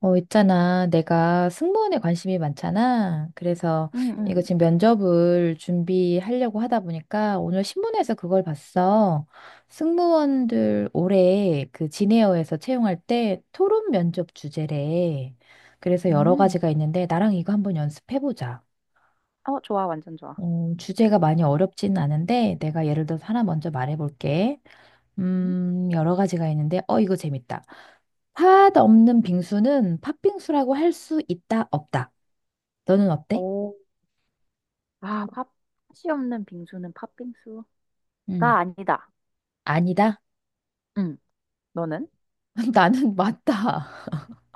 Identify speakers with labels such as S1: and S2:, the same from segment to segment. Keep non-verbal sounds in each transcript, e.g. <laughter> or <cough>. S1: 있잖아. 내가 승무원에 관심이 많잖아. 그래서
S2: 응, 응.
S1: 이거 지금 면접을 준비하려고 하다 보니까 오늘 신문에서 그걸 봤어. 승무원들 올해 그 진에어에서 채용할 때 토론 면접 주제래. 그래서 여러
S2: 음.
S1: 가지가 있는데 나랑 이거 한번 연습해보자.
S2: 어, 좋아, 완전 좋아.
S1: 어 주제가 많이 어렵진 않은데 내가 예를 들어서 하나 먼저 말해볼게.
S2: 음.
S1: 여러 가지가 있는데 이거 재밌다. 팥 없는 빙수는 팥빙수라고 할 수 있다, 없다. 너는 어때?
S2: 오, 아, 팥이 없는 빙수는 팥빙수가
S1: 응.
S2: 아니다.
S1: 아니다.
S2: 응, 너는?
S1: <laughs> 나는 맞다.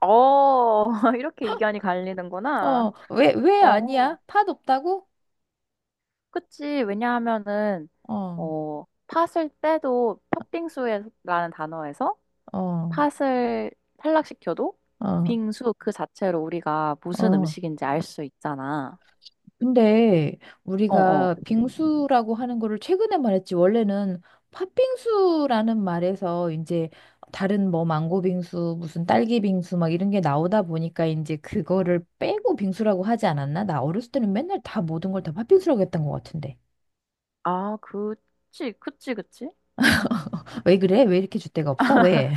S2: 어, <laughs> 이렇게 의견이 갈리는구나.
S1: 왜
S2: 어,
S1: 아니야? 팥 없다고?
S2: 그치. 왜냐하면은,
S1: 어,
S2: 팥을 떼도 팥빙수라는 단어에서
S1: 어,
S2: 팥을 탈락시켜도
S1: 어,
S2: 빙수 그 자체로 우리가 무슨
S1: 어.
S2: 음식인지 알 수 있잖아.
S1: 근데
S2: 어, 어.
S1: 우리가 빙수라고 하는 거를 최근에 말했지, 원래는 팥빙수라는 말에서 이제 다른 뭐 망고 빙수 무슨 딸기 빙수 막 이런 게 나오다 보니까 이제 그거를 빼고 빙수라고 하지 않았나? 나 어렸을 때는 맨날 다 모든 걸 다 팥빙수라고 했던 것 같은데.
S2: 아, 그치, 그치, 그치.
S1: 왜 그래? 왜 이렇게 줏대가 없어? 왜?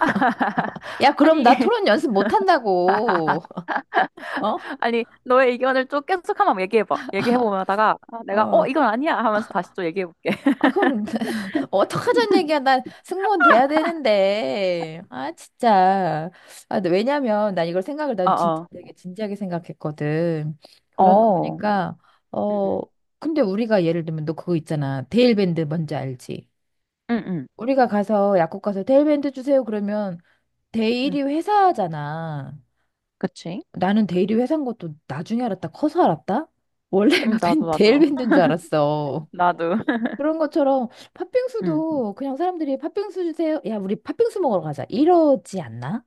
S2: <laughs>
S1: <laughs> 야, 그럼
S2: 아니,
S1: 나 토론
S2: <laughs>
S1: 연습 못 한다고. <laughs> 어?
S2: 아니, 너의 의견을 좀 계속 한번 얘기해봐. 얘기해보다가
S1: 어.
S2: 이건 아니야 하면서 다시 또 얘기해볼게. <laughs>
S1: 아, 그럼, <laughs> 어떡하자는 얘기야. 난 승무원 돼야 되는데. 아, 진짜. 아, 근데 왜냐면, 난 이걸 생각을,
S2: 어,
S1: 난 진짜
S2: 어.
S1: 되게 진지하게 생각했거든. 그러다
S2: 어,
S1: 보니까,
S2: 응,
S1: 어,
S2: 응,
S1: 근데 우리가 예를 들면, 너 그거 있잖아. 데일밴드 뭔지 알지?
S2: 응, 응,
S1: 우리가 가서, 약국 가서 데일밴드 주세요 그러면,
S2: 응.
S1: 데일이 회사잖아.
S2: 그치?
S1: 나는 데일이 회사인 것도 나중에 알았다. 커서 알았다?
S2: 응,
S1: 원래가 <laughs>
S2: 나도, 나도.
S1: 데일밴드인 줄 알았어.
S2: 나도. <laughs>
S1: 그런 것처럼
S2: 응.
S1: 팥빙수도 그냥 사람들이 팥빙수 주세요, 야, 우리 팥빙수 먹으러 가자 이러지 않나?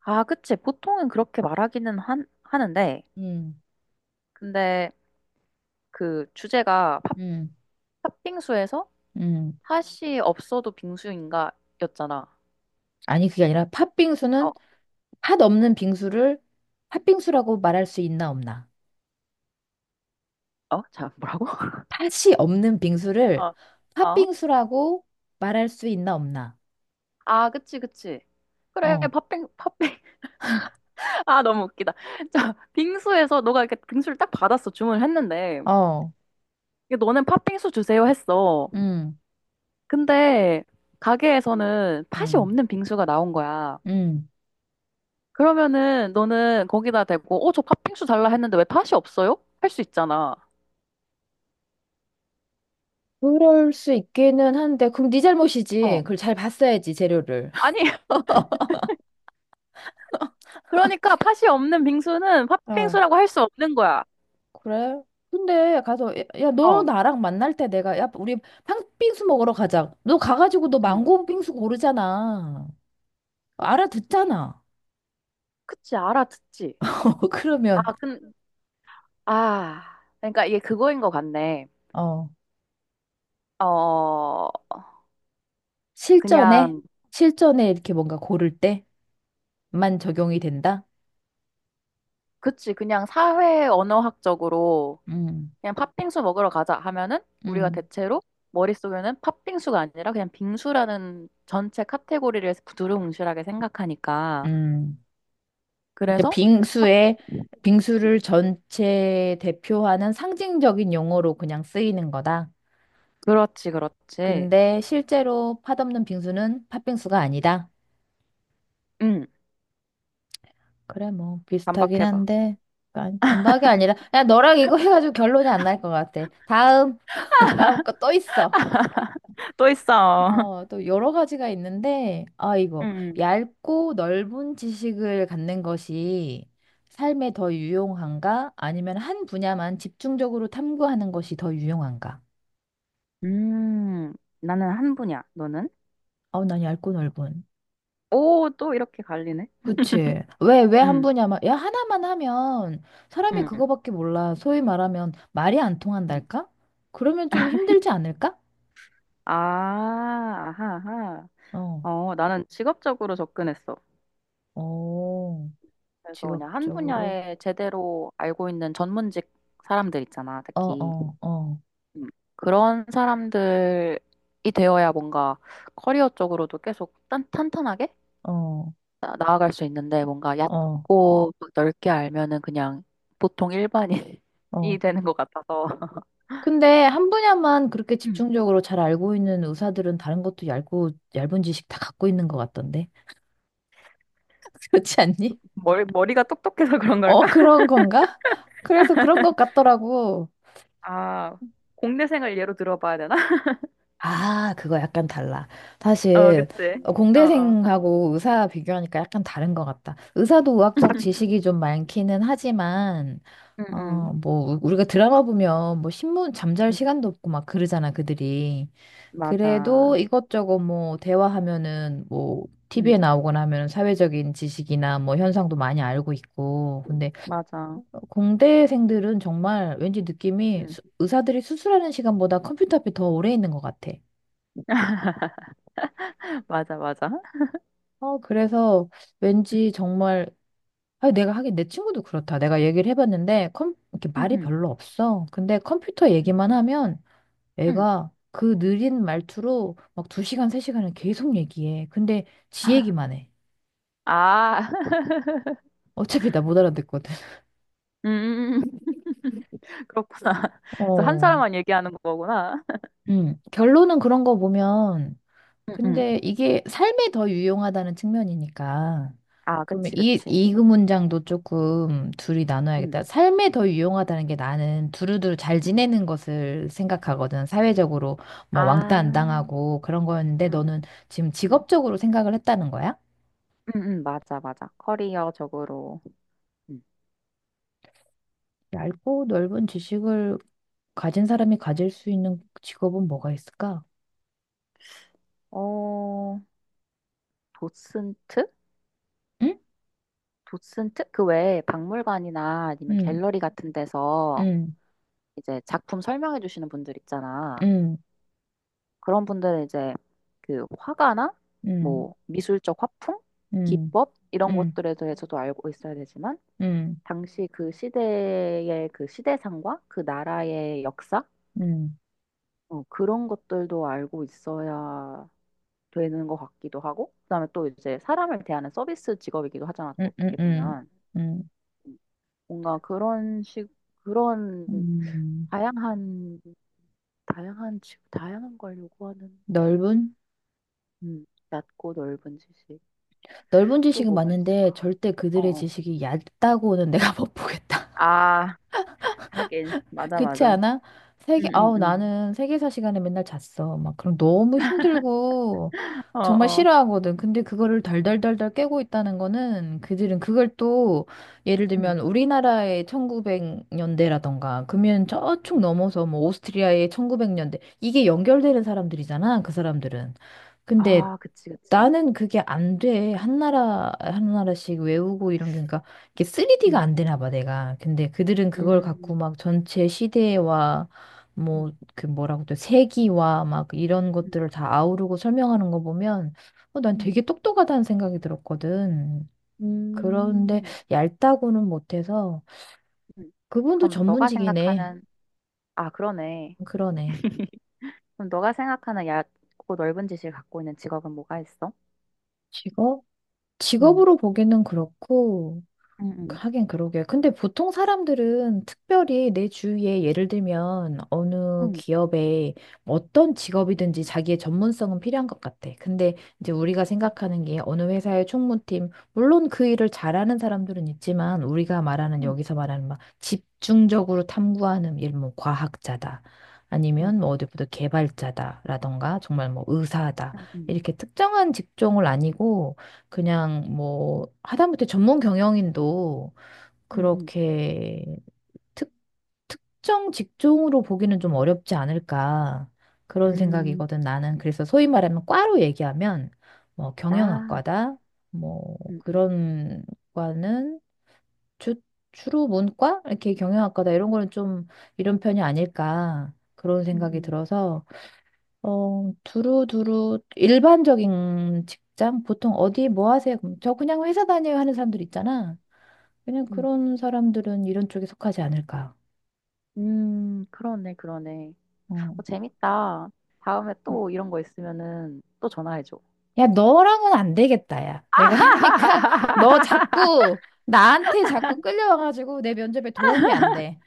S2: 아, 그치. 보통은 그렇게 말하기는 하는데,
S1: 음,
S2: 근데 그 주제가
S1: 음,
S2: 팥빙수에서
S1: 음.
S2: 팥이 없어도 빙수인가 였잖아.
S1: 아니, 그게 아니라 팥빙수는
S2: 어,
S1: 팥 없는 빙수를 팥빙수라고 말할 수 있나 없나?
S2: 어? 자, 뭐라고? <laughs>
S1: 팥이 없는 빙수를
S2: 어, 어?
S1: 팥빙수라고 말할 수 있나 없나?
S2: 아, 그치, 그치. 그래,
S1: 어,
S2: 팥빙. 아, 너무 웃기다. 자, 빙수에서 너가 이렇게 빙수를 딱 받았어. 주문을 했는데.
S1: 어,
S2: 이게 너는 팥빙수 주세요 했어.
S1: 음,
S2: 근데 가게에서는 팥이
S1: 음,
S2: 없는 빙수가 나온 거야.
S1: 음.
S2: 그러면은 너는 거기다 대고, 저 팥빙수 달라 했는데 왜 팥이 없어요? 할 수 있잖아.
S1: 그럴 수 있기는 한데, 그럼 네 잘못이지.
S2: 어.
S1: 그걸 잘 봤어야지, 재료를.
S2: 아니, <laughs> 그러니까 팥이 없는 빙수는 팥빙수라고
S1: <laughs>
S2: 할 수 없는 거야.
S1: 그래? 근데 가서 야, 야, 너
S2: 어.
S1: 나랑 만날 때 내가 야 우리 팥빙수 먹으러 가자 너 가가지고 너
S2: 응.
S1: 망고 빙수 고르잖아. 알아듣잖아.
S2: 그치, 알아듣지.
S1: <laughs> 그러면
S2: 아, 근, 아. 그러니까 이게 그거인 것 같네.
S1: 어
S2: 어,
S1: 실전에
S2: 그냥
S1: 실전에 이렇게 뭔가 고를 때만 적용이 된다.
S2: 그냥 사회 언어학적으로
S1: 음,
S2: 그냥 팥빙수 먹으러 가자 하면은 우리가
S1: 음,
S2: 대체로 머릿속에는 팥빙수가 아니라 그냥 빙수라는 전체 카테고리를 두루뭉실하게 생각하니까.
S1: 음. 그러니까
S2: 그래서 팥-
S1: 빙수에
S2: 음,
S1: 빙수를 전체 대표하는 상징적인 용어로 그냥 쓰이는 거다.
S2: 그렇지, 그렇지.
S1: 근데 실제로 팥 없는 빙수는 팥빙수가 아니다.
S2: 음,
S1: 그래, 뭐, 비슷하긴
S2: 반박해봐.
S1: 한데, 아니, 반박이 아니라, 야, 너랑 이거 해가지고 결론이 안 날 것 같아. 다음, <laughs> 다음 거 또 있어.
S2: <laughs> 또 있어.
S1: 또 여러 가지가 있는데, 아, 이거,
S2: 음,
S1: 얇고 넓은 지식을 갖는 것이 삶에 더 유용한가? 아니면 한 분야만 집중적으로 탐구하는 것이 더 유용한가?
S2: 음, 나는 한 분야. 너는?
S1: 어, 난 얇고 넓은.
S2: 오, 또 이렇게 갈리네.
S1: 그치. 왜 한
S2: 음,
S1: 분이 아마, 야, 하나만 하면 사람이
S2: 음,
S1: 그거밖에 몰라. 소위 말하면 말이 안
S2: 음.
S1: 통한달까? 그러면 좀 힘들지 않을까?
S2: 아, 아하, 아하.
S1: 어,
S2: 어, 나는 직업적으로 접근했어.
S1: 어,
S2: 그래서 그냥 한
S1: 직업적으로.
S2: 분야에 제대로 알고 있는 전문직 사람들 있잖아,
S1: 어,
S2: 특히.
S1: 어, 어,
S2: 음, 그런 사람들이 되어야 뭔가 커리어 쪽으로도 계속 탄탄하게
S1: 어,
S2: 나아갈 수 있는데 뭔가
S1: 어,
S2: 얕고 막 넓게 알면은 그냥 보통 일반인이
S1: 어.
S2: <laughs> 되는 것 같아서.
S1: 근데 한 분야만 그렇게
S2: 음,
S1: 집중적으로 잘 알고 있는 의사들은 다른 것도 얇고, 얇은 지식 다 갖고 있는 것 같던데. <laughs> 그렇지 않니?
S2: 머리가 똑똑해서 그런
S1: 어,
S2: 걸까? <laughs>
S1: 그런 건가? 그래서 그런 것 같더라고.
S2: 아, 공대생을 예로 들어봐야 되나? <laughs>
S1: 아, 그거 약간 달라.
S2: 어,
S1: 사실
S2: 그치. 어, 어.
S1: 공대생하고 의사 비교하니까 약간 다른 것 같다. 의사도 의학적 지식이 좀 많기는 하지만
S2: 응, 응.
S1: 뭐 우리가 드라마 보면 뭐 신문 잠잘
S2: 응,
S1: 시간도 없고 막 그러잖아, 그들이. 그래도
S2: 맞아.
S1: 이것저것 뭐 대화하면은 뭐
S2: 응,
S1: TV에 나오거나 하면은 사회적인 지식이나 뭐 현상도 많이 알고 있고. 근데
S2: 맞아.
S1: 공대생들은 정말 왠지 느낌이
S2: 응.
S1: 의사들이 수술하는 시간보다 컴퓨터 앞에 더 오래 있는 것 같아.
S2: <laughs> 맞아, 맞아.
S1: 그래서 왠지 정말, 아, 내가 하긴 내 친구도 그렇다. 내가 얘기를 해봤는데, 이렇게
S2: 응,
S1: 말이
S2: 응,
S1: 별로 없어. 근데 컴퓨터 얘기만
S2: 응.
S1: 하면
S2: 응.
S1: 애가 그 느린 말투로 막 두 시간, 세 시간을 계속 얘기해. 근데 지 얘기만 해.
S2: 아, <laughs>
S1: 어차피 나 못 알아듣거든. <laughs>
S2: 음, <laughs> 그렇구나. 그래서 한
S1: 어.
S2: 사람만 얘기하는 거구나.
S1: 음. 결론은 그런 거 보면
S2: 응, 응.
S1: 근데 이게 삶에 더 유용하다는 측면이니까.
S2: 아,
S1: 그러면
S2: 그치,
S1: 이,
S2: 그치.
S1: 이 문장도 조금 둘이
S2: 응,
S1: 나눠야겠다. 삶에 더 유용하다는 게 나는 두루두루 잘
S2: 응.
S1: 지내는 것을 생각하거든. 사회적으로 뭐 왕따 안
S2: 아,
S1: 당하고 그런 거였는데
S2: 응, 응,
S1: 너는 지금
S2: 응.
S1: 직업적으로 생각을 했다는 거야?
S2: 응, 응, 맞아, 맞아. 커리어적으로. 응.
S1: 얇고 넓은 지식을 가진 사람이 가질 수 있는 직업은 뭐가 있을까?
S2: 어, 도슨트?
S1: 응?
S2: 도슨트? 그 외에 박물관이나 아니면
S1: 응,
S2: 갤러리 같은 데서
S1: 응,
S2: 이제 작품 설명해 주시는 분들 있잖아.
S1: 응,
S2: 그런 분들은 이제 그 화가나
S1: 응,
S2: 뭐 미술적 화풍,
S1: 응,
S2: 기법 이런
S1: 응,
S2: 것들에 대해서도 알고 있어야 되지만
S1: 응,
S2: 당시 그 시대의 그 시대상과 그 나라의 역사
S1: 응, 응,
S2: 어, 그런 것들도 알고 있어야 되는 것 같기도 하고 그다음에 또 이제 사람을 대하는 서비스 직업이기도 하잖아
S1: 응,
S2: 또
S1: 응,
S2: 어떻게
S1: 응.
S2: 보면
S1: 응,
S2: 뭔가 그런 식 그런
S1: 음,
S2: 다양한 다양한 걸 요구하는
S1: 넓은?
S2: 낮고 넓은 지식
S1: 넓은
S2: 또
S1: 지식은
S2: 뭐가
S1: 맞는데
S2: 있을까?
S1: 절대
S2: 어,
S1: 그들의
S2: 어.
S1: 지식이 얕다고는 <laughs> 내가 못 보겠다.
S2: 아, 하긴. 맞아,
S1: 그렇지
S2: 맞아.
S1: 않아? 세계,
S2: 응,
S1: 아우,
S2: 응,
S1: 나는 세계사 시간에 맨날 잤어. 막, 그럼 너무 힘들고,
S2: 응. 어,
S1: 정말
S2: 어.
S1: 싫어하거든. 근데 그거를 달달달달 깨고 있다는 거는, 그들은 그걸 또, 예를
S2: 응,
S1: 들면, 우리나라의 1900년대라던가, 그러면 저축
S2: 응.
S1: 넘어서, 뭐, 오스트리아의 1900년대, 이게 연결되는 사람들이잖아, 그 사람들은. 근데
S2: 아, 그치, 그치.
S1: 나는 그게 안 돼. 한 나라, 한 나라씩 외우고 이런 게. 그러니까 이게 3D가
S2: 응,
S1: 안 되나 봐, 내가. 근데 그들은 그걸 갖고
S2: 음,
S1: 막 전체 시대와 뭐
S2: 음,
S1: 그 뭐라고 또 세기와 막 이런
S2: 음,
S1: 것들을 다 아우르고 설명하는 거 보면 어, 난
S2: 음,
S1: 되게 똑똑하다는 생각이 들었거든. 그런데
S2: 음.
S1: 얇다고는 못해서
S2: 음.
S1: 그분도
S2: 그럼 너가
S1: 전문직이네.
S2: 생각하는, 아, 그러네.
S1: 그러네.
S2: <laughs> 그럼 너가 생각하는 얕고 넓은 지식을 갖고 있는 직업은 뭐가 있어?
S1: 직업?
S2: 응,
S1: 직업으로 보기는 그렇고
S2: 응, 응,
S1: 하긴 그러게. 근데 보통 사람들은 특별히 내 주위에 예를 들면 어느
S2: 응,
S1: 기업에 어떤 직업이든지 자기의 전문성은 필요한 것 같아. 근데 이제 우리가 생각하는 게 어느 회사의 총무팀, 물론 그 일을 잘하는 사람들은 있지만 우리가 말하는
S2: 응,
S1: 여기서 말하는 막 집중적으로 탐구하는 일, 뭐 과학자다.
S2: 응,
S1: 아니면 뭐 어디부터 개발자다라던가 정말 뭐 의사다.
S2: 응, 응,
S1: 이렇게 특정한 직종을 아니고 그냥 뭐 하다못해 전문 경영인도
S2: 응, 응.
S1: 그렇게 특, 특정 직종으로 보기는 좀 어렵지 않을까 그런
S2: 음,
S1: 생각이거든. 나는 그래서 소위 말하면 과로 얘기하면 뭐
S2: 나,
S1: 경영학과다 뭐
S2: 응, 응,
S1: 그런 과는 주, 주로 문과, 이렇게 경영학과다 이런 거는 좀 이런 편이 아닐까 그런
S2: 응,
S1: 생각이
S2: 응,
S1: 들어서 두루두루 일반적인 직장? 보통 어디 뭐 하세요? 그럼 저 그냥 회사 다녀요 하는 사람들 있잖아. 그냥
S2: 응.
S1: 그런 사람들은 이런 쪽에 속하지 않을까.
S2: 그러네, 그러네.
S1: 어.
S2: 어, 재밌다. 다음에
S1: 음.
S2: 또 이런 거 있으면은 또 전화해줘.
S1: 야, 너랑은 안 되겠다, 야. 내가 <laughs> 하니까 너
S2: 아, <laughs>
S1: 자꾸 나한테 자꾸 끌려와가지고 내 면접에 도움이 안 돼.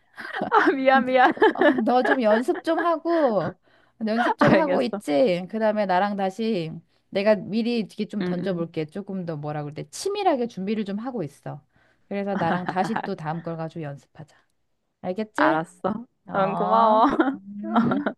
S2: 미안, 미안. <laughs>
S1: 너좀 연습 좀 하고, 연습 좀 하고
S2: 알겠어.
S1: 있지? 그 다음에 나랑 다시 내가 미리 이렇게 좀
S2: 응, 응.
S1: 던져볼게. 조금 더 뭐라 그때 치밀하게 준비를 좀 하고 있어. 그래서 나랑 다시 또 다음 걸 가지고 연습하자. 알겠지?
S2: 알았어. 응,
S1: 어,
S2: 고마워.
S1: 음.